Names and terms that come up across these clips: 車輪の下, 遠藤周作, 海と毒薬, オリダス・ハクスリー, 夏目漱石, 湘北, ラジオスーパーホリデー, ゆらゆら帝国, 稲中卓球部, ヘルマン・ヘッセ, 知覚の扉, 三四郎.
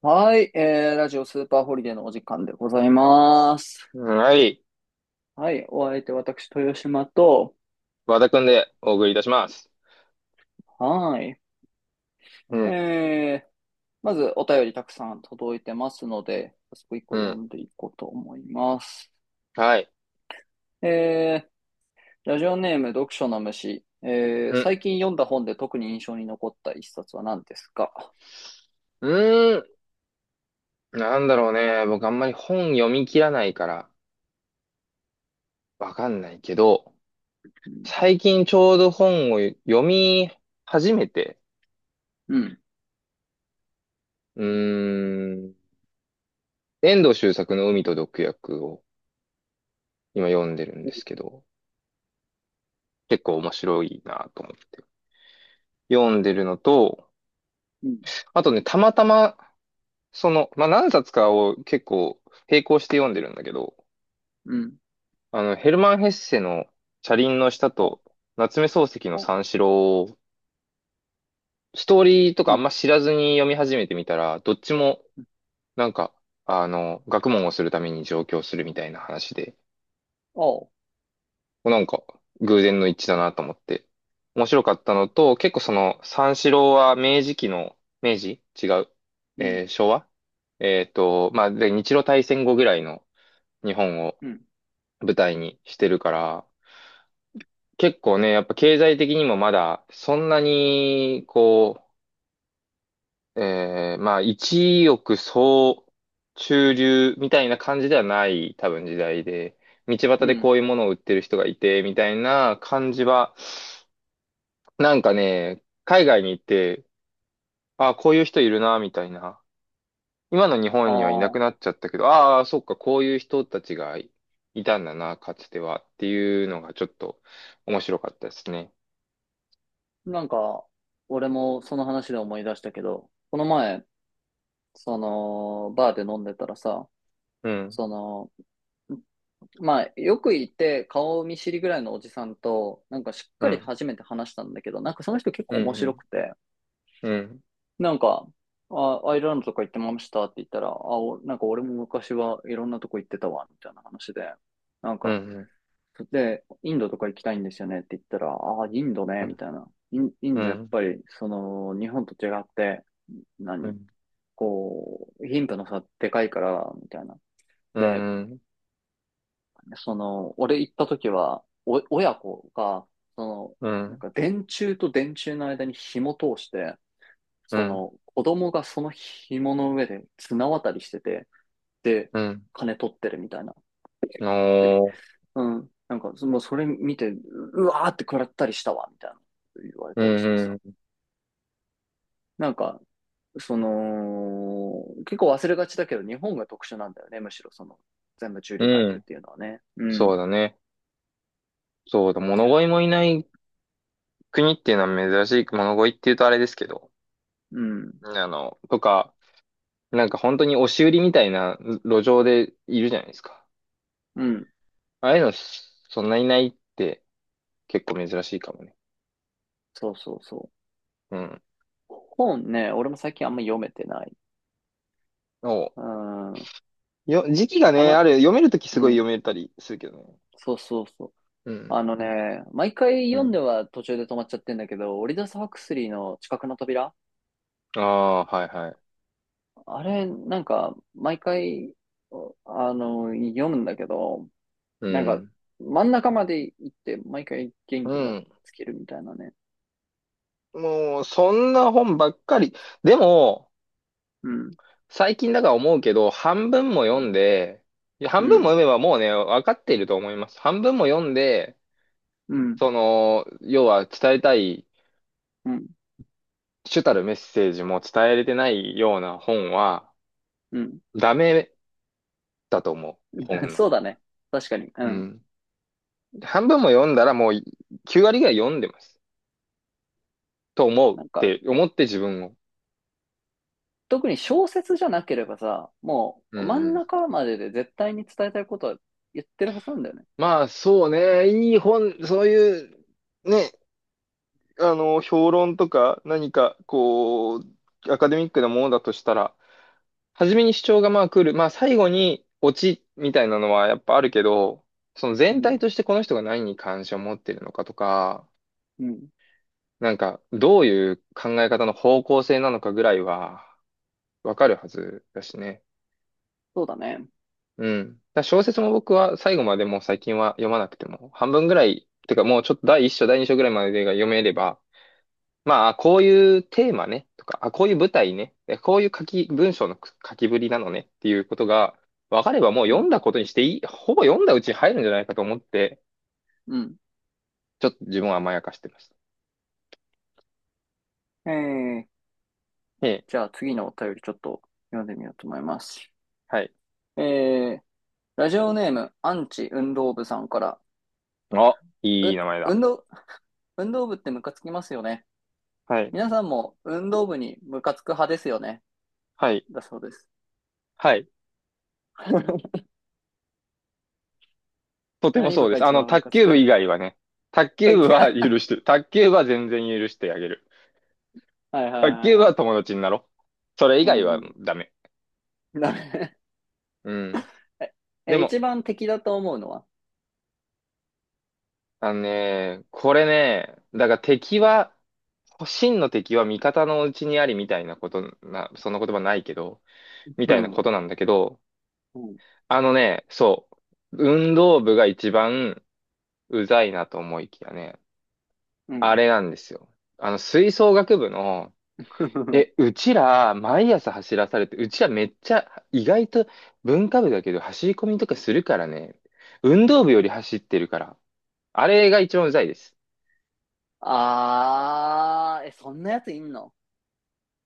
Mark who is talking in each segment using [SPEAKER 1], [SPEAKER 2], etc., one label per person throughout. [SPEAKER 1] はい、ラジオスーパーホリデーのお時間でございます。
[SPEAKER 2] はい。
[SPEAKER 1] はい、お相手私、豊島と、
[SPEAKER 2] 和田くんでお送りいたします。
[SPEAKER 1] はい、
[SPEAKER 2] うん、
[SPEAKER 1] えー、まずお便りたくさん届いてますので、早速一個
[SPEAKER 2] う
[SPEAKER 1] 読
[SPEAKER 2] ん、
[SPEAKER 1] んでいこうと思います。
[SPEAKER 2] はい。
[SPEAKER 1] えラジオネーム読書の虫、
[SPEAKER 2] うん、
[SPEAKER 1] 最近読んだ本で特に印象に残った一冊は何ですか？
[SPEAKER 2] うーん、なんだろうね。僕あんまり本読み切らないからわかんないけど、最近ちょうど本を読み始めて、
[SPEAKER 1] うん、
[SPEAKER 2] うーん、遠藤周作の海と毒薬を今読んでるんですけど、結構面白いなと思って読んでるのと、
[SPEAKER 1] うん、
[SPEAKER 2] あとね、たまたま、まあ、何冊かを結構並行して読んでるんだけど、
[SPEAKER 1] うん、
[SPEAKER 2] ヘルマン・ヘッセの車輪の下
[SPEAKER 1] あ、あ、
[SPEAKER 2] と夏目漱石の三四郎を、ストーリーとか
[SPEAKER 1] う
[SPEAKER 2] あん
[SPEAKER 1] ん、
[SPEAKER 2] ま知らずに読み始めてみたら、どっちも、
[SPEAKER 1] うん、
[SPEAKER 2] なんか、学問をするために上京するみたいな話で、
[SPEAKER 1] あ、
[SPEAKER 2] なんか、偶然の一致だなと思って、面白かったのと、結構三四郎は明治期の、明治違う。
[SPEAKER 1] うん、
[SPEAKER 2] 昭和まあ、で、日露大戦後ぐらいの日本を
[SPEAKER 1] うん、
[SPEAKER 2] 舞台にしてるから、結構ね、やっぱ経済的にもまだ、そんなに、まあ、一億総中流みたいな感じではない、多分時代で、道端
[SPEAKER 1] う
[SPEAKER 2] でこ
[SPEAKER 1] ん、
[SPEAKER 2] ういうものを売ってる人がいて、みたいな感じは、なんかね、海外に行って、ああ、こういう人いるな、みたいな。今の日
[SPEAKER 1] あ
[SPEAKER 2] 本にはいなくな
[SPEAKER 1] ー。
[SPEAKER 2] っちゃったけど、ああ、そっか、こういう人たちがいたんだな、かつては、っていうのがちょっと面白かったですね。
[SPEAKER 1] なんか、俺もその話で思い出したけど、この前、その、バーで飲んでたらさ、
[SPEAKER 2] うん、
[SPEAKER 1] その、まあ、よくいて顔見知りぐらいのおじさんと、なんかしっ
[SPEAKER 2] う
[SPEAKER 1] かり
[SPEAKER 2] ん、
[SPEAKER 1] 初めて話したんだけど、なんかその人結
[SPEAKER 2] う
[SPEAKER 1] 構
[SPEAKER 2] ん、
[SPEAKER 1] 面
[SPEAKER 2] う
[SPEAKER 1] 白
[SPEAKER 2] ん。
[SPEAKER 1] くて、
[SPEAKER 2] うん、
[SPEAKER 1] なんか、あ、アイルランドとか行ってましたって言ったら、あ、おなんか俺も昔はいろんなとこ行ってたわ、みたいな話で、なん
[SPEAKER 2] う
[SPEAKER 1] か、
[SPEAKER 2] ん、
[SPEAKER 1] で、インドとか行きたいんですよねって言ったら、ああ、インドね、
[SPEAKER 2] う
[SPEAKER 1] み
[SPEAKER 2] ん、
[SPEAKER 1] たいな。イン
[SPEAKER 2] う
[SPEAKER 1] ド
[SPEAKER 2] ん、
[SPEAKER 1] やっ
[SPEAKER 2] うん、
[SPEAKER 1] ぱり、その、日本と違って、
[SPEAKER 2] う
[SPEAKER 1] 何
[SPEAKER 2] ん、
[SPEAKER 1] こう、貧富の差でかいから、みたいな。
[SPEAKER 2] う
[SPEAKER 1] で、
[SPEAKER 2] ん、
[SPEAKER 1] その、俺行った時は、お、親子が、その、
[SPEAKER 2] う
[SPEAKER 1] なん
[SPEAKER 2] ん、
[SPEAKER 1] か電柱と電柱の間に紐通して、
[SPEAKER 2] う
[SPEAKER 1] そ
[SPEAKER 2] ん、
[SPEAKER 1] の、子供がその紐の上で綱渡りしてて、で、
[SPEAKER 2] うん
[SPEAKER 1] 金取ってるみたいな。
[SPEAKER 2] おー、
[SPEAKER 1] うん。なんか、そもうそれ見て、う、うわーって食らったりしたわ、みたいな言われ
[SPEAKER 2] う
[SPEAKER 1] たりしてさ。
[SPEAKER 2] ん、
[SPEAKER 1] なんか、その、結構忘れがちだけど、日本が特殊なんだよね、むしろその、全部中
[SPEAKER 2] う
[SPEAKER 1] 流階
[SPEAKER 2] ん、う
[SPEAKER 1] 級っ
[SPEAKER 2] ん、
[SPEAKER 1] ていうのはね。うん、
[SPEAKER 2] そうだね。そうだ、物乞いもいない国っていうのは珍しい、物乞いって言うとあれですけど、
[SPEAKER 1] うん、
[SPEAKER 2] とか、なんか本当に押し売りみたいな路上でいるじゃないですか。
[SPEAKER 1] うん。
[SPEAKER 2] ああいうの、そんないないって結構珍しいかもね。
[SPEAKER 1] そうそうそ
[SPEAKER 2] うん。
[SPEAKER 1] う。本ね、俺も最近あんま読めてない。
[SPEAKER 2] お
[SPEAKER 1] うん。
[SPEAKER 2] 時期が
[SPEAKER 1] た
[SPEAKER 2] ね、あ
[SPEAKER 1] ま、
[SPEAKER 2] る、読めるときす
[SPEAKER 1] う
[SPEAKER 2] ごい
[SPEAKER 1] ん。
[SPEAKER 2] 読めたりするけどね。
[SPEAKER 1] そうそうそう。
[SPEAKER 2] う
[SPEAKER 1] あ
[SPEAKER 2] ん、
[SPEAKER 1] のね、毎回
[SPEAKER 2] う
[SPEAKER 1] 読んで
[SPEAKER 2] ん。
[SPEAKER 1] は途中で止まっちゃってんだけど、オリダス・ハクスリーの知覚の扉、
[SPEAKER 2] ああ、はいはい。
[SPEAKER 1] あれ、なんか、毎回、あの、読むんだけど、
[SPEAKER 2] う
[SPEAKER 1] なんか、
[SPEAKER 2] ん。
[SPEAKER 1] 真ん中まで行って、毎回元
[SPEAKER 2] う
[SPEAKER 1] 気が
[SPEAKER 2] ん。
[SPEAKER 1] つけるみたいなね。
[SPEAKER 2] もう、そんな本ばっかり。でも、
[SPEAKER 1] うん。
[SPEAKER 2] 最近だから思うけど、半分も
[SPEAKER 1] う
[SPEAKER 2] 読
[SPEAKER 1] ん。
[SPEAKER 2] んで、いや半
[SPEAKER 1] う
[SPEAKER 2] 分も
[SPEAKER 1] ん。
[SPEAKER 2] 読めばもうね、分かっていると思います。半分も読んで、
[SPEAKER 1] うん。
[SPEAKER 2] 要は伝えたい、
[SPEAKER 1] うん。
[SPEAKER 2] 主たるメッセージも伝えれてないような本は、
[SPEAKER 1] うん。
[SPEAKER 2] ダメだと思う。本の
[SPEAKER 1] そう
[SPEAKER 2] 方
[SPEAKER 1] だ
[SPEAKER 2] が。
[SPEAKER 1] ね。確かに。う
[SPEAKER 2] う
[SPEAKER 1] ん。
[SPEAKER 2] ん。半分も読んだらもう、9割ぐらい読んでます。と思うっ
[SPEAKER 1] なんか、
[SPEAKER 2] て思って自分を。
[SPEAKER 1] 特に小説じゃなければさ、も
[SPEAKER 2] うん
[SPEAKER 1] う、真
[SPEAKER 2] う
[SPEAKER 1] ん
[SPEAKER 2] ん。
[SPEAKER 1] 中までで絶対に伝えたいことは言ってるはずなんだよね。
[SPEAKER 2] まあ、そうね。いい本、そういう、ね、評論とか何か、アカデミックなものだとしたら、初めに主張がまあ来る。まあ最後にオチみたいなのはやっぱあるけど、その
[SPEAKER 1] う
[SPEAKER 2] 全体
[SPEAKER 1] ん。
[SPEAKER 2] としてこの人が何に関心を持っているのかとか、
[SPEAKER 1] うん。
[SPEAKER 2] なんかどういう考え方の方向性なのかぐらいはわかるはずだしね。
[SPEAKER 1] そうだね。
[SPEAKER 2] うん。だから小説も僕は最後までもう最近は読まなくても、半分ぐらい、てかもうちょっと第一章、第二章ぐらいまでが読めれば、まあ、こういうテーマね、とか、あ、こういう舞台ね、えこういう書き、文章の書きぶりなのねっていうことが分かればもう
[SPEAKER 1] う
[SPEAKER 2] 読
[SPEAKER 1] ん。
[SPEAKER 2] んだことにしていい、ほぼ読んだうちに入るんじゃないかと思って、
[SPEAKER 1] うん。
[SPEAKER 2] ちょっと自分は甘やかしてました。
[SPEAKER 1] えー、
[SPEAKER 2] ええ、
[SPEAKER 1] じゃあ次のお便りちょっと読んでみようと思います。
[SPEAKER 2] はい。
[SPEAKER 1] えーラジオネーム、アンチ運動部さんから、
[SPEAKER 2] あ、い
[SPEAKER 1] う、
[SPEAKER 2] い名前だ。
[SPEAKER 1] 運動、運動部ってムカつきますよね。
[SPEAKER 2] はい。
[SPEAKER 1] 皆さんも運動部にムカつく派ですよね。
[SPEAKER 2] はい。
[SPEAKER 1] だそうです。
[SPEAKER 2] はい。とても
[SPEAKER 1] 何
[SPEAKER 2] そ
[SPEAKER 1] 部
[SPEAKER 2] うで
[SPEAKER 1] が
[SPEAKER 2] す。
[SPEAKER 1] 一番ム
[SPEAKER 2] 卓
[SPEAKER 1] カつ
[SPEAKER 2] 球部以
[SPEAKER 1] く？
[SPEAKER 2] 外は ね、卓
[SPEAKER 1] は
[SPEAKER 2] 球
[SPEAKER 1] い
[SPEAKER 2] 部は許してる。卓球部は全然許してあげる。
[SPEAKER 1] はいは
[SPEAKER 2] 卓
[SPEAKER 1] い
[SPEAKER 2] 球部
[SPEAKER 1] は
[SPEAKER 2] は
[SPEAKER 1] い。
[SPEAKER 2] 友達になろう。それ以
[SPEAKER 1] う
[SPEAKER 2] 外
[SPEAKER 1] ん
[SPEAKER 2] は
[SPEAKER 1] う
[SPEAKER 2] ダメ。
[SPEAKER 1] ん。な。
[SPEAKER 2] うん。で
[SPEAKER 1] え、
[SPEAKER 2] も、
[SPEAKER 1] 一番敵だと思うのは。
[SPEAKER 2] あのね、これね、だから敵は、真の敵は味方のうちにありみたいなことな、そんな言葉ないけど、み
[SPEAKER 1] う
[SPEAKER 2] たいなこ
[SPEAKER 1] ん、
[SPEAKER 2] となんだけど、
[SPEAKER 1] うん、
[SPEAKER 2] あのね、そう、運動部が一番うざいなと思いきやね、
[SPEAKER 1] うん。
[SPEAKER 2] あれなんですよ。吹奏楽部の、うちら、毎朝走らされて、うちらめっちゃ、意外と文化部だけど、走り込みとかするからね、運動部より走ってるから、あれが一番うざいです。
[SPEAKER 1] あー、え、そんなやついんの？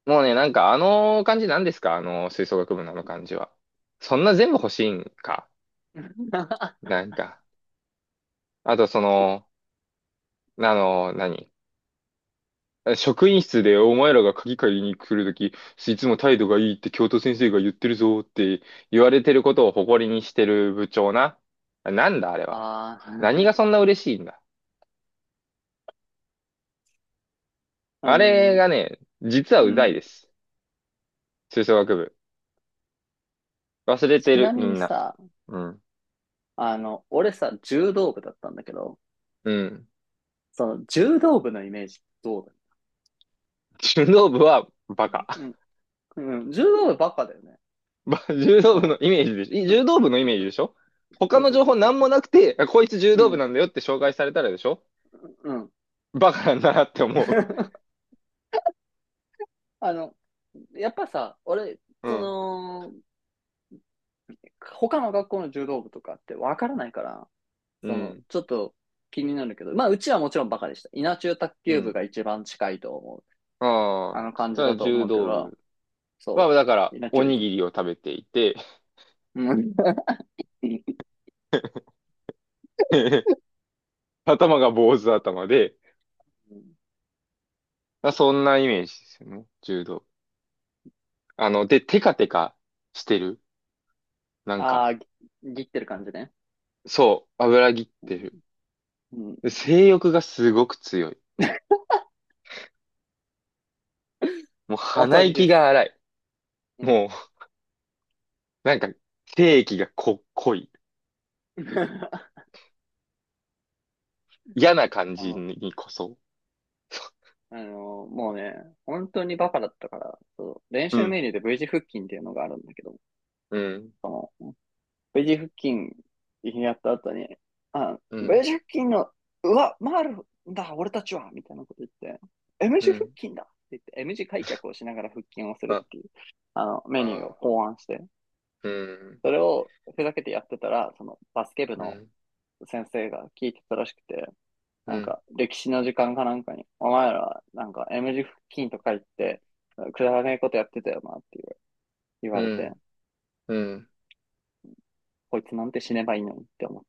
[SPEAKER 2] もうね、なんかあの感じなんですか、あの吹奏楽部のあの感じは。そんな全部欲しいんか、 なんか。あとあの、何職員室でお前らが鍵借りに来るとき、いつも態度がいいって教頭先生が言ってるぞって言われてることを誇りにしてる部長な。なんだあれは。
[SPEAKER 1] あ
[SPEAKER 2] 何がそん
[SPEAKER 1] ー。
[SPEAKER 2] な嬉しいんだ。
[SPEAKER 1] あ
[SPEAKER 2] あれ
[SPEAKER 1] の、
[SPEAKER 2] がね、実は
[SPEAKER 1] う
[SPEAKER 2] うざい
[SPEAKER 1] ん。
[SPEAKER 2] です。吹奏楽部。忘れて
[SPEAKER 1] ち
[SPEAKER 2] る、
[SPEAKER 1] なみ
[SPEAKER 2] み
[SPEAKER 1] に
[SPEAKER 2] んな。
[SPEAKER 1] さ、
[SPEAKER 2] うん。
[SPEAKER 1] あの、俺さ、柔道部だったんだけど、
[SPEAKER 2] うん。
[SPEAKER 1] その柔道部のイメージどう？だ、
[SPEAKER 2] 柔道部はバカ。
[SPEAKER 1] うん、うん、柔道部バカだよね。
[SPEAKER 2] ば柔
[SPEAKER 1] そ
[SPEAKER 2] 道部の
[SPEAKER 1] の、
[SPEAKER 2] イメージでしょい
[SPEAKER 1] うん。
[SPEAKER 2] 柔道部のイメージでしょ。他
[SPEAKER 1] そう
[SPEAKER 2] の
[SPEAKER 1] そう
[SPEAKER 2] 情
[SPEAKER 1] そ
[SPEAKER 2] 報
[SPEAKER 1] うそ
[SPEAKER 2] な
[SPEAKER 1] う
[SPEAKER 2] ん
[SPEAKER 1] そ
[SPEAKER 2] も
[SPEAKER 1] う。
[SPEAKER 2] なくて、あこいつ柔
[SPEAKER 1] う
[SPEAKER 2] 道部
[SPEAKER 1] ん、
[SPEAKER 2] なんだよって紹介されたらでしょ、
[SPEAKER 1] うん。
[SPEAKER 2] バカなんだなって思う。
[SPEAKER 1] あの、やっぱさ、俺、
[SPEAKER 2] う
[SPEAKER 1] そ
[SPEAKER 2] ん。
[SPEAKER 1] の、他の学校の柔道部とかってわからないから、
[SPEAKER 2] う
[SPEAKER 1] その、
[SPEAKER 2] ん。
[SPEAKER 1] ちょっと気になるけど、まあ、うちはもちろんバカでした。稲中卓
[SPEAKER 2] う
[SPEAKER 1] 球部
[SPEAKER 2] ん。
[SPEAKER 1] が一番近いと思う、
[SPEAKER 2] あ
[SPEAKER 1] あ
[SPEAKER 2] あ、
[SPEAKER 1] の
[SPEAKER 2] そし
[SPEAKER 1] 感
[SPEAKER 2] た
[SPEAKER 1] じだ
[SPEAKER 2] ら
[SPEAKER 1] と
[SPEAKER 2] 柔
[SPEAKER 1] 思うけ
[SPEAKER 2] 道
[SPEAKER 1] ど、
[SPEAKER 2] 部
[SPEAKER 1] そ
[SPEAKER 2] は、だか
[SPEAKER 1] う、
[SPEAKER 2] ら、
[SPEAKER 1] 稲
[SPEAKER 2] お
[SPEAKER 1] 中、
[SPEAKER 2] にぎりを食べていて
[SPEAKER 1] うん。
[SPEAKER 2] 頭が坊主頭で、あそんなイメージですよね。柔道部。で、テカテカしてる。なん
[SPEAKER 1] あ
[SPEAKER 2] か、
[SPEAKER 1] あ、ぎ、ぎってる感じね。
[SPEAKER 2] そう、油ぎってる。
[SPEAKER 1] うん。
[SPEAKER 2] で性欲がすごく強い。もう
[SPEAKER 1] 当
[SPEAKER 2] 鼻
[SPEAKER 1] たり
[SPEAKER 2] 息
[SPEAKER 1] です。
[SPEAKER 2] が荒い。
[SPEAKER 1] うん。
[SPEAKER 2] もうなんか、定義が濃い。嫌な感
[SPEAKER 1] あ
[SPEAKER 2] じ
[SPEAKER 1] の、
[SPEAKER 2] にこそ。
[SPEAKER 1] あのもうね、本当にバカだったから、そう、練
[SPEAKER 2] う
[SPEAKER 1] 習
[SPEAKER 2] ん、
[SPEAKER 1] メニューで V 字腹筋っていうのがあるんだけど、
[SPEAKER 2] うん、
[SPEAKER 1] その V 字腹筋やった後に、あ、
[SPEAKER 2] う
[SPEAKER 1] V
[SPEAKER 2] ん、
[SPEAKER 1] 字腹筋の、うわ、回るんだ、俺たちはみたいなこと言って、M
[SPEAKER 2] う
[SPEAKER 1] 字腹
[SPEAKER 2] ん。
[SPEAKER 1] 筋だって言って、M 字開脚をしながら腹筋をする
[SPEAKER 2] あ、
[SPEAKER 1] っていう、あの、メニューを
[SPEAKER 2] あ
[SPEAKER 1] 考案して、
[SPEAKER 2] うん、
[SPEAKER 1] それをふざけてやってたら、そのバスケ部
[SPEAKER 2] う
[SPEAKER 1] の
[SPEAKER 2] ん、
[SPEAKER 1] 先生が聞いてたらしくて、
[SPEAKER 2] う
[SPEAKER 1] なん
[SPEAKER 2] ん、
[SPEAKER 1] か、歴史の時間かなんかに、お前ら、なんか、M 字付近とか言って、くだらねえことやってたよなって言わ
[SPEAKER 2] う
[SPEAKER 1] れて、
[SPEAKER 2] ん、うん、
[SPEAKER 1] こいつなんて死ねばいいのにって思っ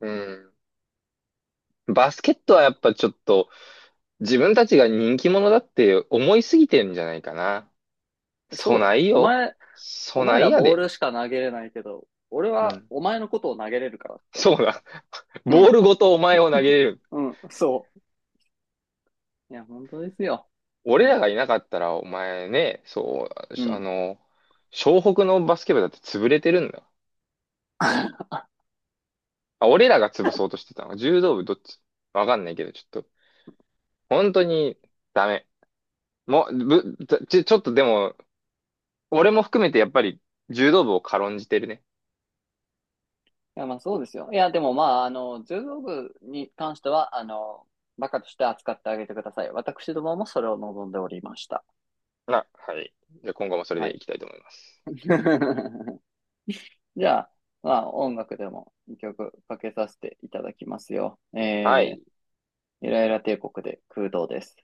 [SPEAKER 2] うん。バスケットはやっぱちょっと、自分たちが人気者だって思いすぎてんじゃないかな。
[SPEAKER 1] て。そ
[SPEAKER 2] そ
[SPEAKER 1] うだよ。
[SPEAKER 2] ない
[SPEAKER 1] お
[SPEAKER 2] よ。
[SPEAKER 1] 前、
[SPEAKER 2] そ
[SPEAKER 1] お
[SPEAKER 2] な
[SPEAKER 1] 前
[SPEAKER 2] い
[SPEAKER 1] ら
[SPEAKER 2] や
[SPEAKER 1] ボー
[SPEAKER 2] で。
[SPEAKER 1] ルしか投げれないけど、俺
[SPEAKER 2] う
[SPEAKER 1] は
[SPEAKER 2] ん。
[SPEAKER 1] お前のことを投げれるからって
[SPEAKER 2] そ
[SPEAKER 1] 思っ
[SPEAKER 2] う
[SPEAKER 1] て
[SPEAKER 2] だ。
[SPEAKER 1] た。う
[SPEAKER 2] ボー
[SPEAKER 1] ん。
[SPEAKER 2] ルごとお前を投げれる。
[SPEAKER 1] うん、そう。いや、本当ですよ。
[SPEAKER 2] 俺
[SPEAKER 1] うん。
[SPEAKER 2] らがいなかったら、お前ね、そ
[SPEAKER 1] う
[SPEAKER 2] う、
[SPEAKER 1] ん。
[SPEAKER 2] 湘北のバスケ部だって潰れてるんだ。 あ、俺らが潰そうとしてたの。柔道部どっちわかんないけど、ちょっと、本当にダメ。もう、ぶ、ちょ、ちょちょっとでも、俺も含めてやっぱり柔道部を軽んじてるね。
[SPEAKER 1] いや、まあそうですよ。いや、でもまあ、あの、柔道部に関しては、あの、バカとして扱ってあげてください。私どももそれを望んでおりました。
[SPEAKER 2] はい。じゃあ今後もそれ
[SPEAKER 1] は
[SPEAKER 2] でい
[SPEAKER 1] い。
[SPEAKER 2] きたいと思います。
[SPEAKER 1] じゃあ、まあ、音楽でも2曲かけさせていただきますよ。
[SPEAKER 2] はい。
[SPEAKER 1] ゆらゆら帝国で空洞です。